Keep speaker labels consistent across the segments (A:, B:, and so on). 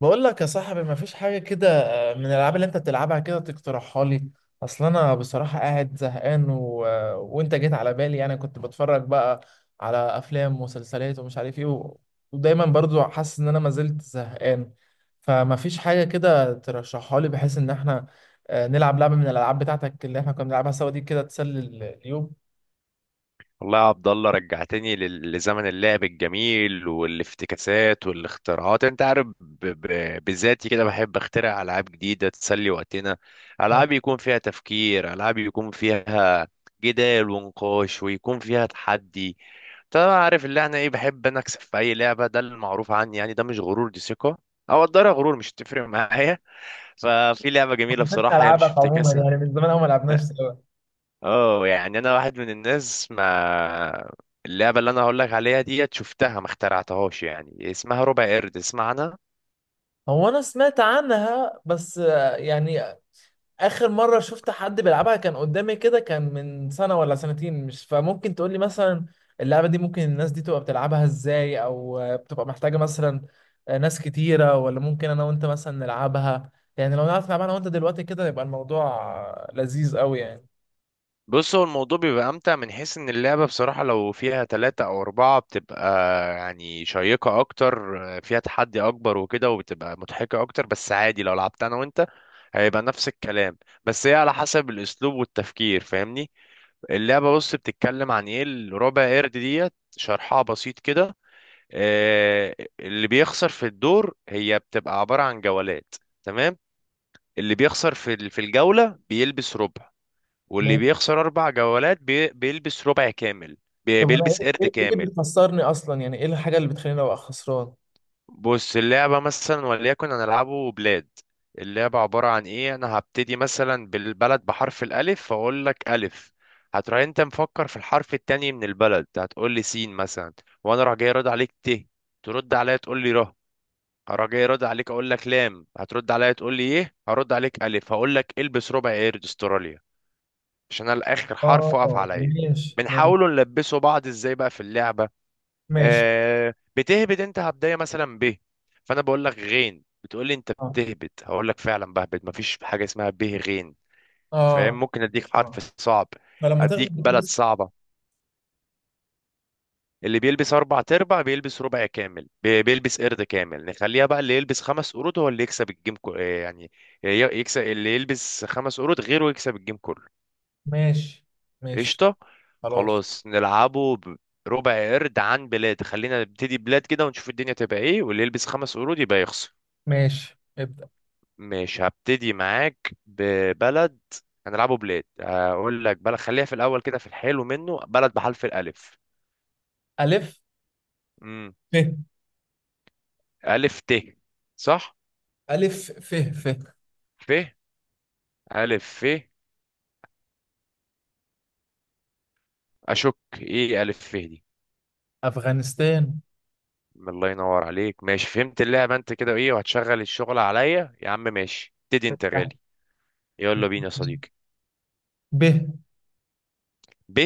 A: بقول لك يا صاحبي مفيش حاجة كده. من الألعاب اللي أنت بتلعبها كده تقترحها لي. أصل أنا بصراحة قاعد زهقان و... آه، وأنت جيت على بالي، يعني كنت بتفرج بقى على أفلام ومسلسلات ومش عارف إيه ودايما برضو حاسس إن أنا ما زلت زهقان، فمفيش حاجة كده ترشحها لي بحيث إن إحنا نلعب لعبة من الألعاب بتاعتك اللي إحنا كنا بنلعبها سوا دي كده تسلي اليوم.
B: والله يا عبد الله، رجعتني لزمن اللعب الجميل والافتكاسات والاختراعات. انت عارف بذاتي كده بحب اخترع العاب جديده تسلي وقتنا.
A: آه،
B: العاب يكون فيها تفكير، العاب يكون فيها جدال ونقاش ويكون فيها تحدي. طبعا عارف اللي احنا ايه، بحب انا اكسب في اي لعبه، ده المعروف عني. يعني ده مش غرور، دي ثقه، او اقدرها غرور، مش هتفرق معايا. ففي لعبه
A: ما
B: جميله
A: حبيتش
B: بصراحه، هي مش
A: ألعبك عموما،
B: افتكاسه.
A: يعني من زمان أوي ما لعبناش سوا.
B: اه، يعني انا واحد من الناس ما. اللعبه اللي انا هقول لك عليها ديت شفتها ما اخترعتهاش، يعني اسمها ربع قرد، اسمع عنها.
A: هو أنا سمعت عنها، بس يعني اخر مره شفت حد بيلعبها كان قدامي كده، كان من سنه ولا سنتين، مش فممكن تقول لي مثلا اللعبه دي ممكن الناس دي تبقى بتلعبها ازاي، او بتبقى محتاجه مثلا ناس كتيره، ولا ممكن انا وانت مثلا نلعبها؟ يعني لو نعرف نلعبها انا وانت دلوقتي كده يبقى الموضوع لذيذ قوي يعني.
B: بص، هو الموضوع بيبقى امتع من حيث ان اللعبه بصراحه لو فيها ثلاثة او اربعة بتبقى يعني شيقه اكتر، فيها تحدي اكبر وكده وبتبقى مضحكه اكتر. بس عادي لو لعبت انا وانت، هيبقى نفس الكلام. بس هي على حسب الاسلوب والتفكير، فاهمني؟ اللعبه، بص، بتتكلم عن ايه الربع قرد ديت، شرحها بسيط كده. اللي بيخسر في الدور، هي بتبقى عبارة عن جولات. تمام. اللي بيخسر في الجولة بيلبس ربع. واللي
A: ماشي.
B: بيخسر أربع جولات بيلبس ربع كامل.
A: طب انا
B: بيلبس
A: ايه
B: قرد
A: إيه اللي
B: كامل.
A: بيخسرني اصلا؟ يعني ايه الحاجه اللي بتخليني ابقى خسران؟
B: بص، اللعبة مثلا، وليكن هنلعبه بلاد. اللعبة عبارة عن إيه؟ أنا هبتدي مثلا بالبلد بحرف الألف، فأقول لك ألف. هتروح أنت مفكر في الحرف التاني من البلد، هتقول لي سين مثلا. وأنا راح جاي رد عليك ت. ترد عليا تقول لي ر. هراجع جاي ارد عليك اقول لك لام. هترد عليا تقول لي ايه؟ هرد عليك الف، هقول لك البس ربع قرد استراليا، عشان انا الاخر حرف وقف
A: اه،
B: عليا.
A: ماشي، ماشي.
B: بنحاولوا نلبسوا بعض ازاي بقى في اللعبه.
A: ماشي.
B: آه، بتهبد انت، هبدايه مثلا ب، فانا بقول لك غين، بتقول لي انت
A: اه،
B: بتهبد، هقول لك فعلا بهبد، مفيش حاجه اسمها به غين. فاهم؟
A: اه،
B: ممكن اديك حرف
A: اه.
B: صعب،
A: فلما
B: اديك
A: تغلب
B: بلد
A: بتلبس.
B: صعبه. اللي بيلبس اربع تربع بيلبس ربع كامل، بيلبس قرد كامل. نخليها بقى اللي يلبس خمس قرود هو اللي يكسب الجيم كو... آه، يعني ي- يكسب. اللي يلبس خمس قرود غيره يكسب الجيم كله.
A: ماشي. ماشي.
B: قشطة.
A: خلاص.
B: خلاص نلعبه ربع قرد عن بلاد. خلينا نبتدي بلاد كده ونشوف الدنيا تبقى ايه، واللي يلبس خمس قرود يبقى يخسر.
A: ماشي، ابدأ.
B: مش هبتدي معاك ببلد، هنلعبه بلاد. هقول لك بلد، خليها في الاول كده في الحلو منه. بلد بحرف الالف.
A: ألف
B: امم
A: ف.
B: الف ت؟ صح.
A: ألف ف ف.
B: ف. الف ف؟ اشك، ايه الف ف دي؟
A: أفغانستان.
B: الله ينور عليك. ماشي، فهمت اللعبه انت كده، ايه وهتشغل الشغل عليا يا عم؟ ماشي، ابتدي انت
A: ف.
B: غالي. يلا بينا يا صديقي.
A: ب.
B: ب.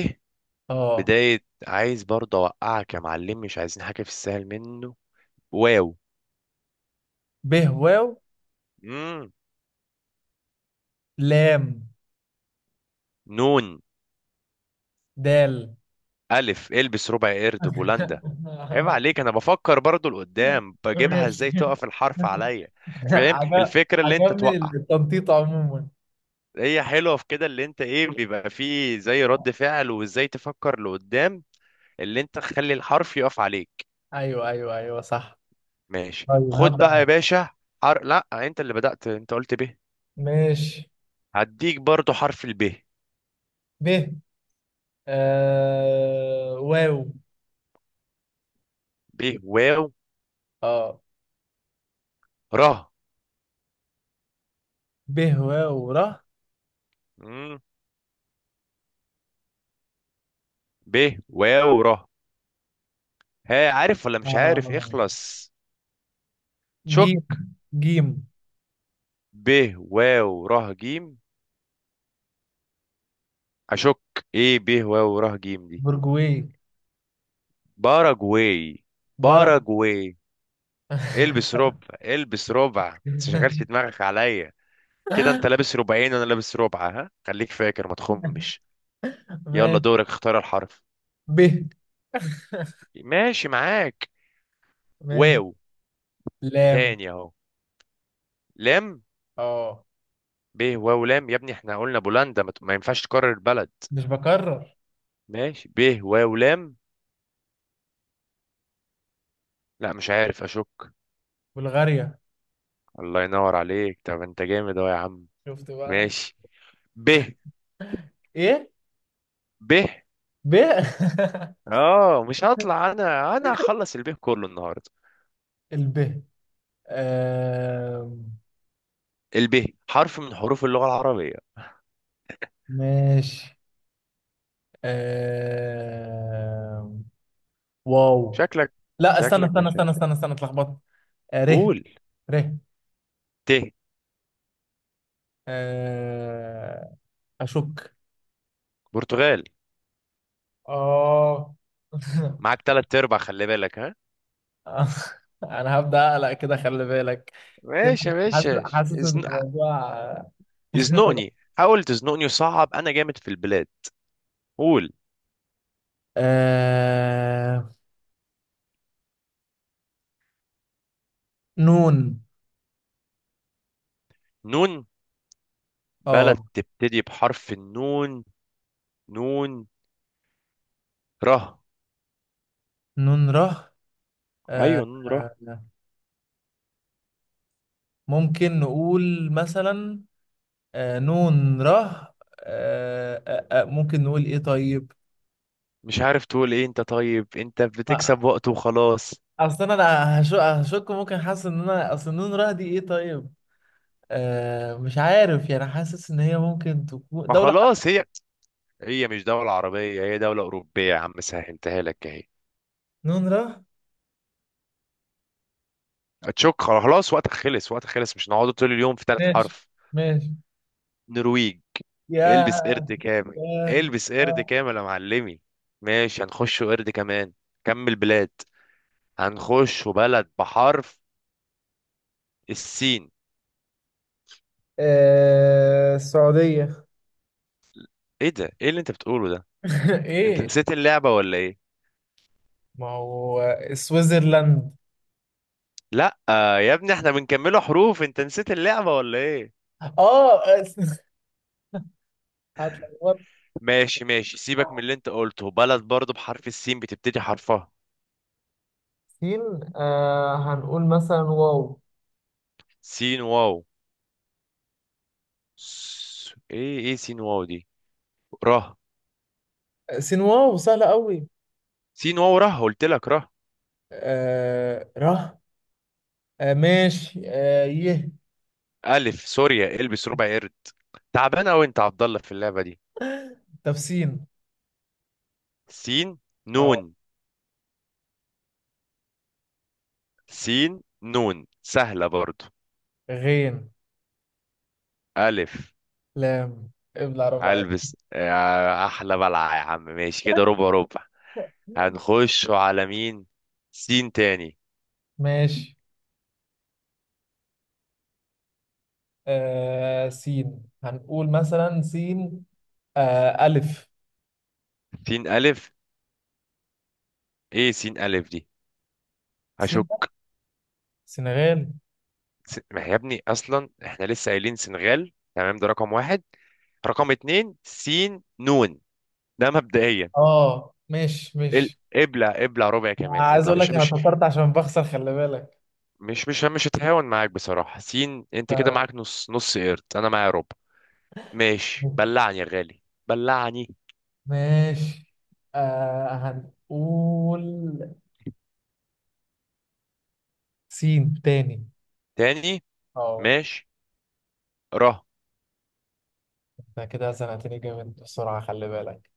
A: اه.
B: بدايه، عايز برضه اوقعك يا معلم، مش عايزين حاجه في السهل منه. واو.
A: ب واو
B: مم.
A: لام
B: نون.
A: دال.
B: الف. البس ربع قرد بولندا. عيب عليك، انا بفكر برضه لقدام، بجيبها
A: ماشي.
B: ازاي تقف الحرف عليا. فاهم
A: عجب
B: الفكره؟ اللي انت
A: عجبني
B: توقع.
A: التنطيط عموما.
B: هي حلوه في كده اللي انت ايه، بيبقى فيه زي رد فعل وازاي تفكر لقدام، اللي انت تخلي الحرف يقف عليك.
A: ايوه، ايوه، ايوه، صح.
B: ماشي،
A: طيب
B: خد بقى
A: هبدأ.
B: يا باشا. لا، انت اللي بدأت، انت قلت ب.
A: ماشي.
B: هديك برضو حرف ال ب.
A: ب واو.
B: ب. واو.
A: اه.
B: ره.
A: ب واو ر.
B: مم. ب واو ره. ها، عارف ولا مش عارف
A: آه.
B: اخلص؟
A: جيم.
B: شك.
A: جيم.
B: ب واو ره جيم. اشك، ايه ب واو ره جيم دي؟
A: برجوي
B: باراجواي.
A: برج
B: باراجواي. البس ربع، البس ربع، ما تشغلش دماغك عليا. كده انت لابس ربعين وانا لابس ربع، ها خليك فاكر، ما تخمش. يلا،
A: ماشي.
B: دورك، اختار الحرف.
A: ب.
B: ماشي معاك.
A: ماشي.
B: واو.
A: لام.
B: تاني اهو. لام.
A: اه،
B: ب واو لام، يا ابني احنا قلنا بولندا، ما ينفعش تكرر البلد.
A: مش بكرر.
B: ماشي، ب واو لام. لا، مش عارف. اشك.
A: بلغاريا.
B: الله ينور عليك، طب انت جامد اهو يا عم.
A: شفت بقى؟
B: ماشي. ب.
A: ايه.
B: ب.
A: ب.
B: اه، مش هطلع، انا هخلص الب كله النهارده.
A: الب. آم،
B: الب حرف من حروف اللغة العربية.
A: ماشي. آم، واو.
B: شكلك
A: لا، استنى
B: شكلك
A: استنى
B: مش.
A: استنى استنى استنى، اتلخبطت. ر.
B: قول.
A: ر.
B: ت.
A: آه، اشك.
B: برتغال.
A: اه.
B: معاك تلات ارباع، خلي بالك ها.
A: انا هبدأ اقلق كده، خلي بالك. كده.
B: ماشي يا
A: حاسس
B: باشا.
A: حاسس ان الموضوع.
B: يزنقني، حاول تزنقني، وصعب، انا جامد في البلاد. قول.
A: آه... نون.
B: نون. بلد
A: اه،
B: تبتدي بحرف النون. نون ره.
A: نون ره.
B: ايوه،
A: آه...
B: نون ره.
A: آه، ممكن نقول مثلا نون ره ممكن نقول ايه طيب؟
B: مش عارف تقول ايه انت؟ طيب، انت
A: آه،
B: بتكسب وقت وخلاص.
A: اصلا انا هشك هشك ممكن، حاسس ان انا اصل نون ره دي ايه طيب؟ مش عارف، يعني حاسس ان هي ممكن تكون
B: ما
A: دولة.
B: خلاص هي، هي مش دولة عربية، هي دولة أوروبية يا عم، سهلتها لك اهي.
A: نون ره.
B: هتشك؟ خلاص، وقتك خلص، وقتك خلص، مش نقعد طول اليوم في ثالث
A: ماشي.
B: حرف.
A: ماشي.
B: نرويج،
A: يا.
B: البس قرد كامل.
A: يا.
B: البس قرد
A: آه.
B: كامل يا معلمي. ماشي، هنخش قرد كمان. كمل بلاد. هنخش بلد بحرف السين.
A: السعودية.
B: ايه ده؟ ايه اللي انت بتقوله ده؟ انت
A: ايه؟
B: نسيت اللعبة ولا ايه؟
A: ما هو سويسرلاند.
B: لا، يا ابني احنا بنكمله حروف، انت نسيت اللعبة ولا ايه؟
A: اه. هتلخبط.
B: ماشي ماشي، سيبك من اللي انت قلته. بلد برضو بحرف السين بتبتدي حرفها.
A: سين. هنقول مثلا واو.
B: سين واو. ايه ايه سين واو دي؟ ره.
A: سين واو سهلة قوي.
B: سين واو ره، قلت لك ره.
A: ره. ماشي. يه.
B: الف، سوريا، البس ربع قرد. تعبان اوي انت يا عبد الله في اللعبة دي.
A: طب سين.
B: سين.
A: اه،
B: نون. سين نون سهلة برضو.
A: غين.
B: الف.
A: لام ابلع ربع عين.
B: هلبس يا احلى بلعه يا عم. ماشي كده، ربع ربع. هنخش على مين؟ سين تاني.
A: ماشي. سين هنقول مثلا سين ألف.
B: سين الف، ايه سين الف دي؟
A: سين.
B: هشك.
A: سنغال.
B: ما يا ابني اصلا احنا لسه قايلين سنغال، تمام؟ ده رقم واحد. رقم اتنين سين نون. ده مبدئيا.
A: اه، ماشي، ماشي.
B: ابلع ابلع ربع كمان،
A: عايز
B: ابلع.
A: اقول لك
B: مش
A: انا
B: مش
A: فكرت عشان بخسر، خلي بالك.
B: مش مش مش هتهاون معاك بصراحة. سين، انت كده
A: ف-
B: معاك نص، نص قرد، انا معايا ربع. ماشي،
A: ماشي.
B: بلعني يا غالي. بلعني.
A: ماشي. هنقول سين تاني.
B: تاني.
A: اه.
B: ماشي. ر.
A: انت كده زنقتني جامد بسرعة، خلي بالك.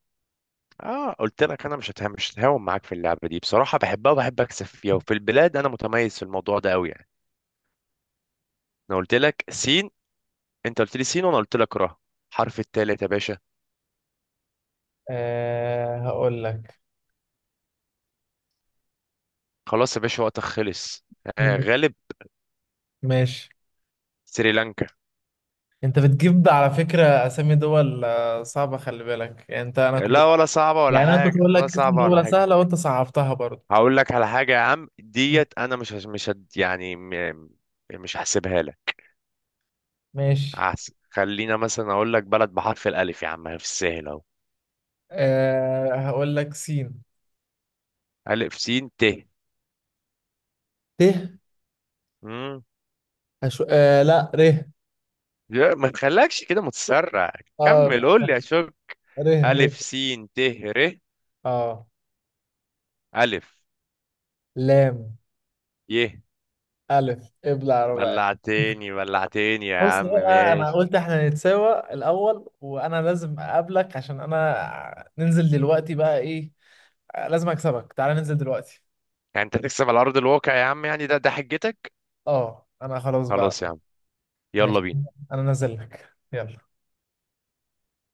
B: اه، قلت لك انا مش هتهم، مش هتهاون معاك في اللعبه دي بصراحه، بحبها وبحب اكسب فيها، وفي البلاد انا متميز في الموضوع ده قوي يعني. انا قلت لك سين، انت قلت لي سين، وانا قلت لك را. حرف التالت يا باشا.
A: هقول لك.
B: خلاص يا باشا، وقتك خلص. آه، غالب.
A: ماشي.
B: سريلانكا.
A: انت بتجيب على فكرة اسامي دول صعبة، خلي بالك. يعني انت انا كنت
B: لا ولا صعبه ولا
A: يعني انا كنت
B: حاجه،
A: بقول
B: ولا
A: لك اسم
B: صعبه ولا
A: دولة
B: حاجه.
A: سهلة وانت صعبتها برضه.
B: هقول لك على حاجه يا عم
A: م.
B: ديت، انا مش هش- مش هد يعني م- مش هحسبها لك.
A: ماشي.
B: خلينا مثلا اقول لك بلد بحرف الالف يا عم، في السهل اهو.
A: هقول لك سين
B: الف سين ت.
A: ت. أشو... آه لا، ر.
B: يا ما تخلكش كده متسرع. كمل،
A: اه،
B: قول لي يا شوب.
A: ر،
B: ألف
A: ر.
B: سين ت ر.
A: اه،
B: ألف.
A: لام
B: يه.
A: ألف ابلع ربع.
B: بلعتني، بلعتني يا
A: بص
B: عم.
A: بقى، انا
B: ماشي،
A: قلت احنا نتساوى الاول، وانا لازم اقابلك، عشان انا ننزل دلوقتي بقى ايه. لازم اكسبك، تعالى ننزل دلوقتي.
B: يعني انت تكسب على أرض الواقع يا عم، يعني ده حجتك؟
A: اه، انا خلاص بقى.
B: خلاص يا عم، يلا
A: ماشي،
B: بينا.
A: انا نازل لك، يلا.